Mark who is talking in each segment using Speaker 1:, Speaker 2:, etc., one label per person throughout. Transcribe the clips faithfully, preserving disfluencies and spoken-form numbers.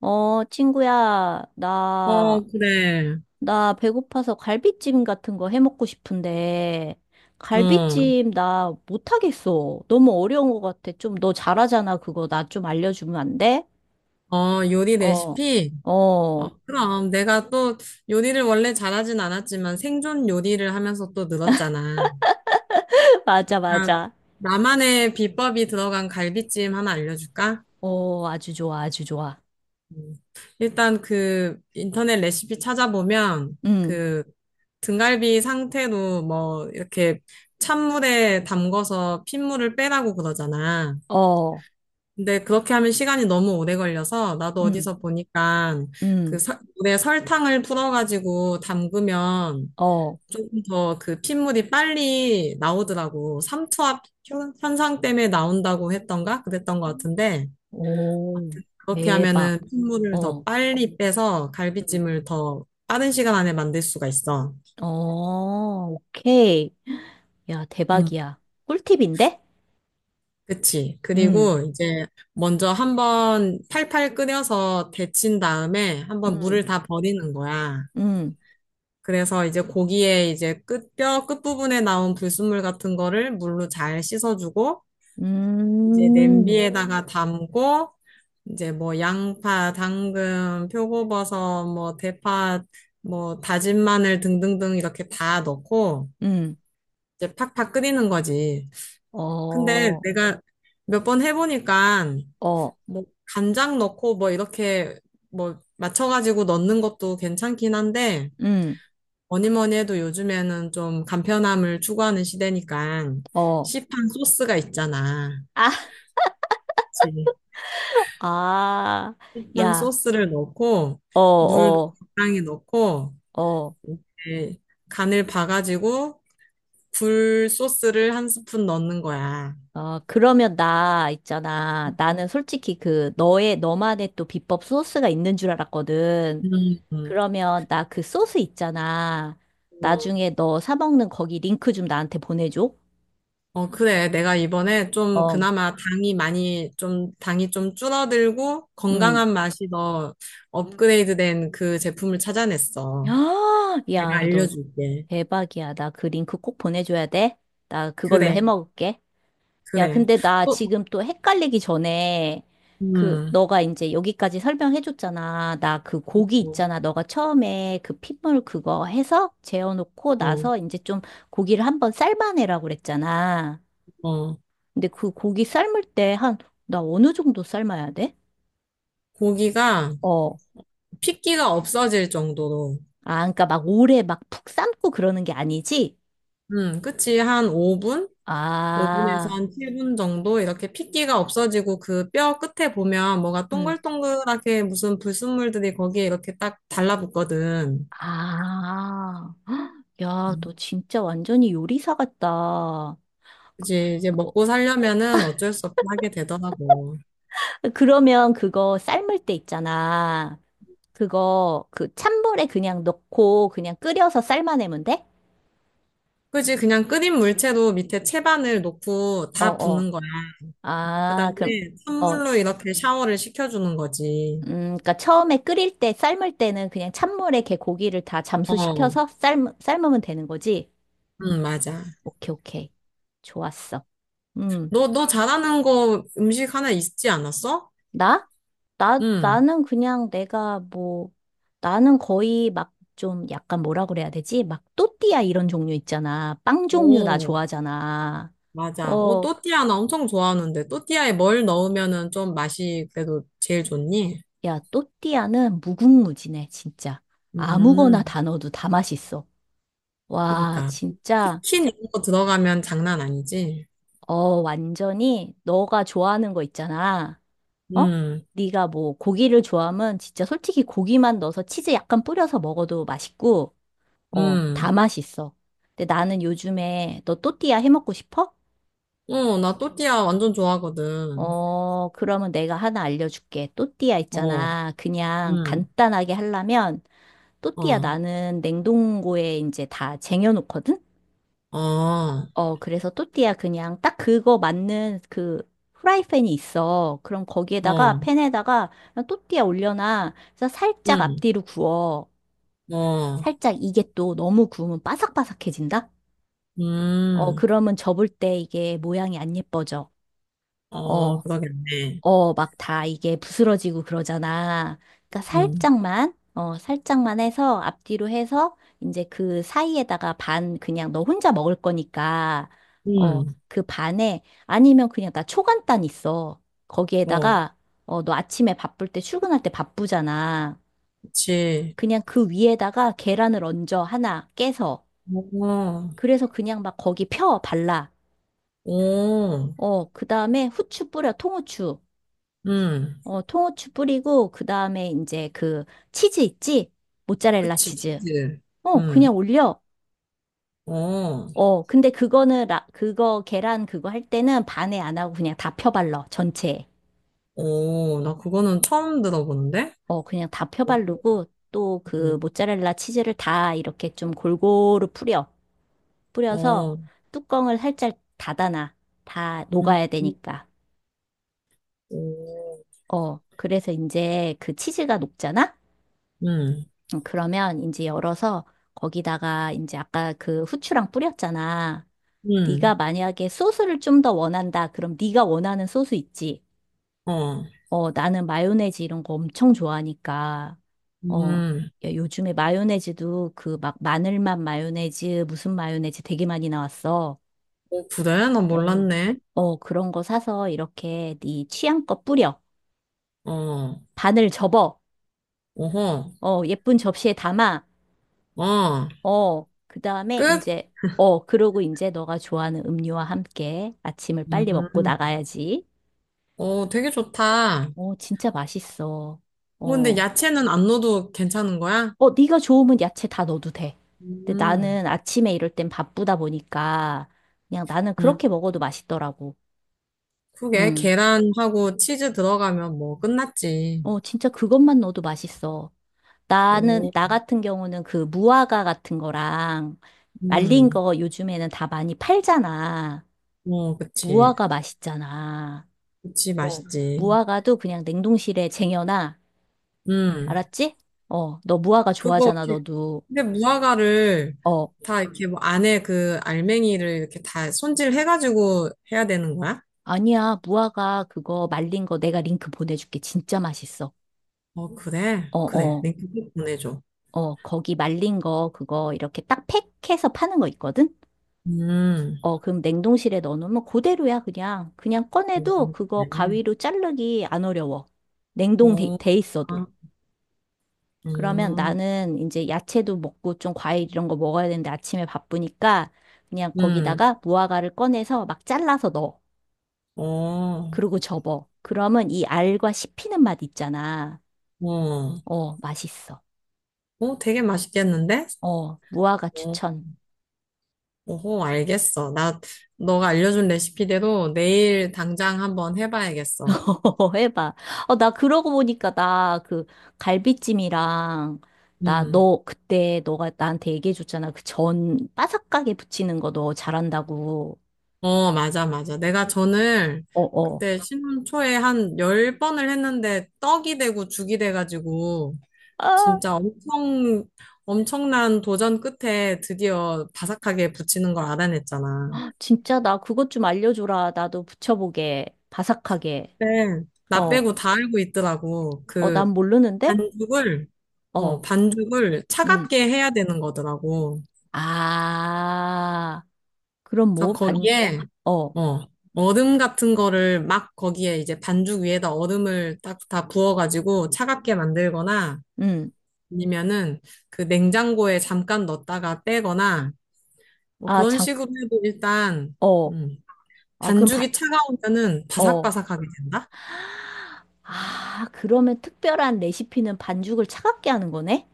Speaker 1: 어, 친구야,
Speaker 2: 어,
Speaker 1: 나,
Speaker 2: 그래.
Speaker 1: 나 배고파서 갈비찜 같은 거 해먹고 싶은데,
Speaker 2: 응.
Speaker 1: 갈비찜 나 못하겠어. 너무 어려운 것 같아. 좀 너 잘하잖아. 그거 나 좀 알려주면 안 돼?
Speaker 2: 어, 요리
Speaker 1: 어,
Speaker 2: 레시피? 어,
Speaker 1: 어,
Speaker 2: 그럼. 내가 또 요리를 원래 잘하진 않았지만 생존 요리를 하면서 또 늘었잖아.
Speaker 1: 맞아,
Speaker 2: 그러니까
Speaker 1: 맞아.
Speaker 2: 나만의 비법이 들어간 갈비찜 하나 알려줄까?
Speaker 1: 어, 아주 좋아, 아주 좋아.
Speaker 2: 음. 일단 그 인터넷 레시피 찾아보면
Speaker 1: 응,
Speaker 2: 그 등갈비 상태로 뭐 이렇게 찬물에 담궈서 핏물을 빼라고 그러잖아.
Speaker 1: 어,
Speaker 2: 근데 그렇게 하면 시간이 너무 오래 걸려서 나도
Speaker 1: 응,
Speaker 2: 어디서 보니까 그
Speaker 1: 응,
Speaker 2: 설- 물에 설탕을 풀어가지고 담그면
Speaker 1: 어,
Speaker 2: 조금 더 그 핏물이 빨리 나오더라고. 삼투압 효- 현상 때문에 나온다고 했던가? 그랬던 것 같은데
Speaker 1: 오,
Speaker 2: 아무튼 그렇게
Speaker 1: 대박.
Speaker 2: 하면은 핏물을 더
Speaker 1: 어,
Speaker 2: 빨리 빼서
Speaker 1: 응,
Speaker 2: 갈비찜을 더 빠른 시간 안에 만들 수가 있어.
Speaker 1: 어, 오케이. 야,
Speaker 2: 음,
Speaker 1: 대박이야. 꿀팁인데?
Speaker 2: 그치.
Speaker 1: 응.
Speaker 2: 그리고 이제 먼저 한번 팔팔 끓여서 데친 다음에 한번
Speaker 1: 음,
Speaker 2: 물을 다 버리는 거야.
Speaker 1: 음,
Speaker 2: 그래서 이제 고기에 이제 끝, 뼈 끝부분에 나온 불순물 같은 거를 물로 잘 씻어주고, 이제
Speaker 1: 음,
Speaker 2: 냄비에다가 음, 담고, 이제 뭐 양파, 당근, 표고버섯, 뭐 대파, 뭐 다진 마늘 등등등 이렇게 다 넣고,
Speaker 1: 음,
Speaker 2: 이제 팍팍 끓이는 거지. 근데
Speaker 1: 어,
Speaker 2: 내가 몇 번 해보니까,
Speaker 1: 어,
Speaker 2: 뭐 간장 넣고 뭐 이렇게 뭐 맞춰가지고 넣는 것도 괜찮긴 한데,
Speaker 1: 음,
Speaker 2: 뭐니 뭐니 해도 요즘에는 좀 간편함을 추구하는 시대니까
Speaker 1: 어,
Speaker 2: 시판 소스가 있잖아.
Speaker 1: 아,
Speaker 2: 그치.
Speaker 1: 아,
Speaker 2: 시판
Speaker 1: 야,
Speaker 2: 소스를 넣고
Speaker 1: 어,
Speaker 2: 물
Speaker 1: 어,
Speaker 2: 적당히 넣고
Speaker 1: 어,
Speaker 2: 이렇게 간을 봐가지고 굴 소스를 한 스푼 넣는 거야.
Speaker 1: 어, 그러면 나 있잖아. 나는 솔직히 그 너의, 너만의 또 비법 소스가 있는 줄 알았거든.
Speaker 2: 음, 음,
Speaker 1: 그러면 나 그 소스 있잖아.
Speaker 2: 어,
Speaker 1: 나중에 너 사 먹는 거기 링크 좀 나한테 보내줘.
Speaker 2: 어, 그래. 내가 이번에 좀
Speaker 1: 어,
Speaker 2: 그나마 당이 많이 좀, 당이 좀 줄어들고
Speaker 1: 음.
Speaker 2: 건강한 맛이 더 업그레이드 된 그 제품을 찾아냈어.
Speaker 1: 아,
Speaker 2: 내가
Speaker 1: 야, 너
Speaker 2: 알려줄게.
Speaker 1: 대박이야. 나 그 링크 꼭 보내줘야 돼. 나 그걸로
Speaker 2: 그래.
Speaker 1: 해먹을게. 야,
Speaker 2: 그래.
Speaker 1: 근데 나
Speaker 2: 또,
Speaker 1: 지금 또 헷갈리기 전에 그
Speaker 2: 음,
Speaker 1: 너가 이제 여기까지 설명해줬잖아. 나 그 고기
Speaker 2: 어,
Speaker 1: 있잖아. 너가 처음에 그 핏물 그거 해서 재워놓고
Speaker 2: 어,
Speaker 1: 나서 이제 좀 고기를 한번 삶아내라고 그랬잖아.
Speaker 2: 어.
Speaker 1: 근데 그 고기 삶을 때 한 나 어느 정도 삶아야 돼?
Speaker 2: 고기가
Speaker 1: 어.
Speaker 2: 핏기가 없어질 정도로,
Speaker 1: 아, 그러니까 막 오래 막 푹 삶고 그러는 게 아니지?
Speaker 2: 음, 그치. 한 오 분? 오 분에서
Speaker 1: 아,
Speaker 2: 한 칠 분 정도 이렇게 핏기가 없어지고 그 뼈 끝에 보면 뭐가
Speaker 1: 음.
Speaker 2: 동글동글하게 무슨 불순물들이 거기에 이렇게 딱 달라붙거든.
Speaker 1: 아. 야,
Speaker 2: 음,
Speaker 1: 너 진짜 완전히 요리사 같다. 어,
Speaker 2: 그치. 이제 먹고 살려면은 어쩔 수 없이 하게 되더라고.
Speaker 1: 그러면 그거 삶을 때 있잖아. 그거 그 찬물에 그냥 넣고 그냥 끓여서 삶아내면 돼?
Speaker 2: 그치. 그냥 끓인 물체로 밑에 채반을 놓고
Speaker 1: 어,
Speaker 2: 다
Speaker 1: 어.
Speaker 2: 붓는 거야. 그
Speaker 1: 아,
Speaker 2: 다음에
Speaker 1: 그럼 어,
Speaker 2: 찬물로 이렇게 샤워를 시켜주는 거지.
Speaker 1: 음, 그러니까 처음에 끓일 때 삶을 때는 그냥 찬물에 걔 고기를 다
Speaker 2: 어,
Speaker 1: 잠수시켜서 삶 삶으면 되는 거지.
Speaker 2: 응, 맞아.
Speaker 1: 오케이, 오케이. 좋았어. 음.
Speaker 2: 너, 너 잘하는 거 음식 하나 있지 않았어?
Speaker 1: 나? 나,
Speaker 2: 응.
Speaker 1: 나는 그냥 내가 뭐, 나는 거의 막 좀 약간 뭐라 그래야 되지? 막 또띠아 이런 종류 있잖아. 빵 종류 나
Speaker 2: 오,
Speaker 1: 좋아하잖아.
Speaker 2: 맞아. 어,
Speaker 1: 어,
Speaker 2: 또띠아 나 엄청 좋아하는데, 또띠아에 뭘 넣으면은 좀 맛이 그래도 제일 좋니?
Speaker 1: 야, 또띠아는 무궁무진해, 진짜. 아무거나
Speaker 2: 음,
Speaker 1: 다 넣어도 다 맛있어. 와,
Speaker 2: 그니까.
Speaker 1: 진짜,
Speaker 2: 치킨 이런 거 들어가면 장난 아니지?
Speaker 1: 어, 완전히 너가 좋아하는 거 있잖아. 어?
Speaker 2: 음,
Speaker 1: 네가 뭐 고기를 좋아하면 진짜 솔직히 고기만 넣어서 치즈 약간 뿌려서 먹어도 맛있고, 어, 다
Speaker 2: 음.
Speaker 1: 맛있어. 근데 나는 요즘에 너 또띠아 해 먹고 싶어?
Speaker 2: 어, 나 또띠아 완전 좋아하거든.
Speaker 1: 어, 그러면 내가 하나 알려줄게. 또띠아
Speaker 2: 어,
Speaker 1: 있잖아. 그냥
Speaker 2: 음,
Speaker 1: 간단하게 하려면 또띠아
Speaker 2: 어,
Speaker 1: 나는 냉동고에 이제 다 쟁여놓거든?
Speaker 2: 어, 어,
Speaker 1: 어, 그래서 또띠아 그냥 딱 그거 맞는 그 프라이팬이 있어. 그럼 거기에다가 팬에다가 그냥 또띠아 올려놔. 그래서 살짝
Speaker 2: 음,
Speaker 1: 앞뒤로 구워.
Speaker 2: 어,
Speaker 1: 살짝 이게 또 너무 구우면 바삭바삭해진다? 어,
Speaker 2: 음,
Speaker 1: 그러면 접을 때 이게 모양이 안 예뻐져.
Speaker 2: 어,
Speaker 1: 어,
Speaker 2: 그러겠네.
Speaker 1: 어, 막 다 이게 부스러지고 그러잖아. 그러니까
Speaker 2: 음.
Speaker 1: 살짝만, 어, 살짝만 해서 앞뒤로 해서 이제 그 사이에다가 반 그냥 너 혼자 먹을 거니까, 어,
Speaker 2: 음,
Speaker 1: 그 반에 아니면 그냥 나 초간단 있어.
Speaker 2: 어,
Speaker 1: 거기에다가, 어, 너 아침에 바쁠 때 출근할 때 바쁘잖아.
Speaker 2: 그치.
Speaker 1: 그냥 그 위에다가 계란을 얹어 하나 깨서.
Speaker 2: 어,
Speaker 1: 그래서 그냥 막 거기 펴 발라.
Speaker 2: 어,
Speaker 1: 어, 그 다음에 후추 뿌려, 통후추.
Speaker 2: 음,
Speaker 1: 어, 통후추 뿌리고, 그 다음에 이제 그 치즈 있지? 모짜렐라
Speaker 2: 그치,
Speaker 1: 치즈.
Speaker 2: 치즈.
Speaker 1: 어,
Speaker 2: 음,
Speaker 1: 그냥 올려.
Speaker 2: 어,
Speaker 1: 어, 근데 그거는, 라, 그거, 계란 그거 할 때는 반에 안 하고 그냥 다 펴발라, 전체에.
Speaker 2: 어, 나 그거는 처음 들어보는데?
Speaker 1: 어, 그냥 다 펴바르고, 또 그
Speaker 2: 음,
Speaker 1: 모짜렐라 치즈를 다 이렇게 좀 골고루 뿌려. 뿌려서
Speaker 2: 어,
Speaker 1: 뚜껑을 살짝 닫아놔. 다
Speaker 2: 음,
Speaker 1: 녹아야 되니까.
Speaker 2: 어,
Speaker 1: 어, 그래서 이제 그 치즈가 녹잖아?
Speaker 2: 음,
Speaker 1: 음, 그러면 이제 열어서 거기다가 이제 아까 그 후추랑 뿌렸잖아. 네가
Speaker 2: 음,
Speaker 1: 만약에 소스를 좀 더 원한다. 그럼 네가 원하는 소스 있지?
Speaker 2: 어,
Speaker 1: 어, 나는 마요네즈 이런 거 엄청 좋아하니까. 어,
Speaker 2: 음,
Speaker 1: 야, 요즘에 마요네즈도 그 막 마늘맛 마요네즈, 무슨 마요네즈 되게 많이 나왔어.
Speaker 2: 어, 그래? 나
Speaker 1: 어,
Speaker 2: 몰랐네.
Speaker 1: 어, 그런 거 사서 이렇게 네 취향껏 뿌려.
Speaker 2: 어,
Speaker 1: 반을 접어.
Speaker 2: 어허,
Speaker 1: 어, 예쁜 접시에 담아.
Speaker 2: 어,
Speaker 1: 어, 그 다음에
Speaker 2: 끝?
Speaker 1: 이제, 어, 그러고 이제 너가 좋아하는 음료와 함께 아침을 빨리 먹고
Speaker 2: 음,
Speaker 1: 나가야지.
Speaker 2: 어, 되게 좋다.
Speaker 1: 어, 진짜 맛있어.
Speaker 2: 어, 근데
Speaker 1: 어,
Speaker 2: 야채는 안 넣어도 괜찮은 거야?
Speaker 1: 어, 네가 좋으면 야채 다 넣어도 돼. 근데
Speaker 2: 음.
Speaker 1: 나는 아침에 이럴 땐 바쁘다 보니까 그냥 나는
Speaker 2: 음.
Speaker 1: 그렇게 먹어도 맛있더라고.
Speaker 2: 그게
Speaker 1: 음,
Speaker 2: 계란하고 치즈 들어가면 뭐 끝났지.
Speaker 1: 어, 진짜 그것만 넣어도 맛있어. 나는,
Speaker 2: 오,
Speaker 1: 나 같은 경우는 그 무화과 같은 거랑 말린
Speaker 2: 음,
Speaker 1: 거 요즘에는 다 많이 팔잖아.
Speaker 2: 어, 그치.
Speaker 1: 무화과 맛있잖아.
Speaker 2: 그치,
Speaker 1: 어,
Speaker 2: 맛있지.
Speaker 1: 무화과도 그냥 냉동실에 쟁여놔.
Speaker 2: 음,
Speaker 1: 알았지? 어, 너 무화과
Speaker 2: 그거,
Speaker 1: 좋아하잖아,
Speaker 2: 이렇게-
Speaker 1: 너도.
Speaker 2: 근데 무화과를
Speaker 1: 어,
Speaker 2: 다 이렇게 뭐 안에 그 알맹이를 이렇게 다 손질해가지고 해야 되는 거야?
Speaker 1: 아니야. 무화과 그거 말린 거 내가 링크 보내줄게. 진짜 맛있어.
Speaker 2: 어, 그래.
Speaker 1: 어,
Speaker 2: 그래.
Speaker 1: 어,
Speaker 2: 링크 꼭 보내줘.
Speaker 1: 어, 거기 말린 거 그거 이렇게 딱 팩해서 파는 거 있거든?
Speaker 2: 음,
Speaker 1: 어, 그럼 냉동실에 넣어놓으면 그대로야, 그냥. 그냥 꺼내도
Speaker 2: 음,
Speaker 1: 그거
Speaker 2: 래
Speaker 1: 가위로 자르기 안 어려워. 냉동 돼,
Speaker 2: 어,
Speaker 1: 돼 있어도.
Speaker 2: 아,
Speaker 1: 그러면
Speaker 2: 음,
Speaker 1: 나는 이제 야채도 먹고 좀 과일 이런 거 먹어야 되는데 아침에 바쁘니까 그냥
Speaker 2: 음,
Speaker 1: 거기다가 무화과를 꺼내서 막 잘라서 넣어.
Speaker 2: 어,
Speaker 1: 그리고 접어. 그러면 이 알과 씹히는 맛 있잖아.
Speaker 2: 어,
Speaker 1: 어, 맛있어.
Speaker 2: 어, 되게 맛있겠는데?
Speaker 1: 어, 무화과
Speaker 2: 어.
Speaker 1: 추천.
Speaker 2: 오호, 알겠어. 나, 너가 알려준 레시피대로 내일 당장 한번 해봐야겠어.
Speaker 1: 해봐. 어, 나 그러고 보니까 나 그 갈비찜이랑 나
Speaker 2: 음.
Speaker 1: 너 그때 너가 나한테 얘기해줬잖아. 그 전 바삭하게 부치는 거 너 잘한다고.
Speaker 2: 어, 맞아, 맞아. 내가 전을
Speaker 1: 어, 어.
Speaker 2: 그때 신혼 초에 한 열 번을 했는데 떡이 되고 죽이 돼가지고
Speaker 1: 아,
Speaker 2: 진짜 엄청, 엄청난 도전 끝에 드디어 바삭하게 붙이는 걸 알아냈잖아.
Speaker 1: 진짜 나 그것 좀 알려줘라. 나도 붙여보게. 바삭하게.
Speaker 2: 근데 나
Speaker 1: 어,
Speaker 2: 빼고 다 알고 있더라고.
Speaker 1: 어, 난
Speaker 2: 그
Speaker 1: 모르는데?
Speaker 2: 반죽을, 어,
Speaker 1: 어,
Speaker 2: 반죽을
Speaker 1: 음.
Speaker 2: 차갑게 해야 되는 거더라고.
Speaker 1: 아, 그럼
Speaker 2: 그래서
Speaker 1: 뭐, 반,
Speaker 2: 거기에
Speaker 1: 어,
Speaker 2: 어 얼음 같은 거를 막 거기에 이제 반죽 위에다 얼음을 딱 다 부어가지고 차갑게 만들거나
Speaker 1: 음.
Speaker 2: 아니면은 그 냉장고에 잠깐 넣었다가 빼거나 뭐
Speaker 1: 아,
Speaker 2: 그런
Speaker 1: 장,
Speaker 2: 식으로 해도 일단
Speaker 1: 어,
Speaker 2: 음,
Speaker 1: 아, 그럼 반,
Speaker 2: 반죽이 차가우면은
Speaker 1: 어.
Speaker 2: 바삭바삭하게 된다.
Speaker 1: 아, 그러면 특별한 레시피는 반죽을 차갑게 하는 거네?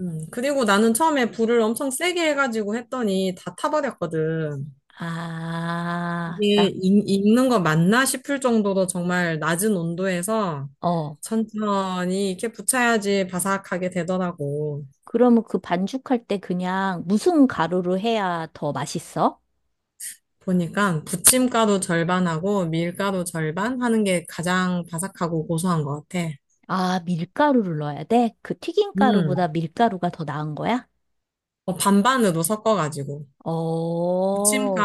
Speaker 2: 음, 그리고 나는 처음에 불을 엄청 세게 해가지고 했더니 다 타버렸거든.
Speaker 1: 아,
Speaker 2: 이게
Speaker 1: 딱,
Speaker 2: 익- 익는 거 맞나 싶을 정도로 정말 낮은 온도에서
Speaker 1: 어.
Speaker 2: 천천히 이렇게 부쳐야지 바삭하게 되더라고.
Speaker 1: 그러면 그 반죽할 때 그냥 무슨 가루로 해야 더 맛있어?
Speaker 2: 보니까 부침가루 절반하고 밀가루 절반 하는 게 가장 바삭하고 고소한 것 같아.
Speaker 1: 아, 밀가루를 넣어야 돼? 그
Speaker 2: 음,
Speaker 1: 튀김가루보다 밀가루가 더 나은 거야?
Speaker 2: 어, 반반으로 섞어가지고.
Speaker 1: 어,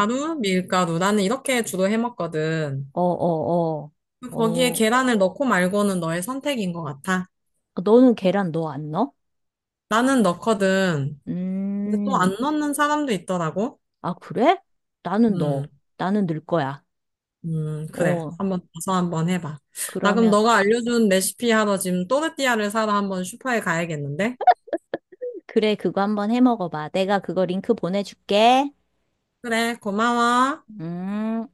Speaker 1: 어,
Speaker 2: 밀가루. 나는 이렇게 주로 해 먹거든.
Speaker 1: 어, 어,
Speaker 2: 거기에
Speaker 1: 어.
Speaker 2: 계란을 넣고 말고는 너의 선택인 것 같아.
Speaker 1: 아, 너는 계란 넣어, 안 넣어?
Speaker 2: 나는 넣거든. 근데 또
Speaker 1: 음,
Speaker 2: 안 넣는 사람도 있더라고.
Speaker 1: 아, 그래? 나는
Speaker 2: 음.
Speaker 1: 넣어. 나는 넣을 거야.
Speaker 2: 음, 그래.
Speaker 1: 어,
Speaker 2: 한번 가서 한번 해봐. 나 그럼
Speaker 1: 그러면,
Speaker 2: 너가 알려준 레시피 하러 지금 또르띠아를 사러 한번 슈퍼에 가야겠는데?
Speaker 1: 그래, 그거 한번 해 먹어봐. 내가 그거 링크 보내줄게.
Speaker 2: 그래, 고마워.
Speaker 1: 음.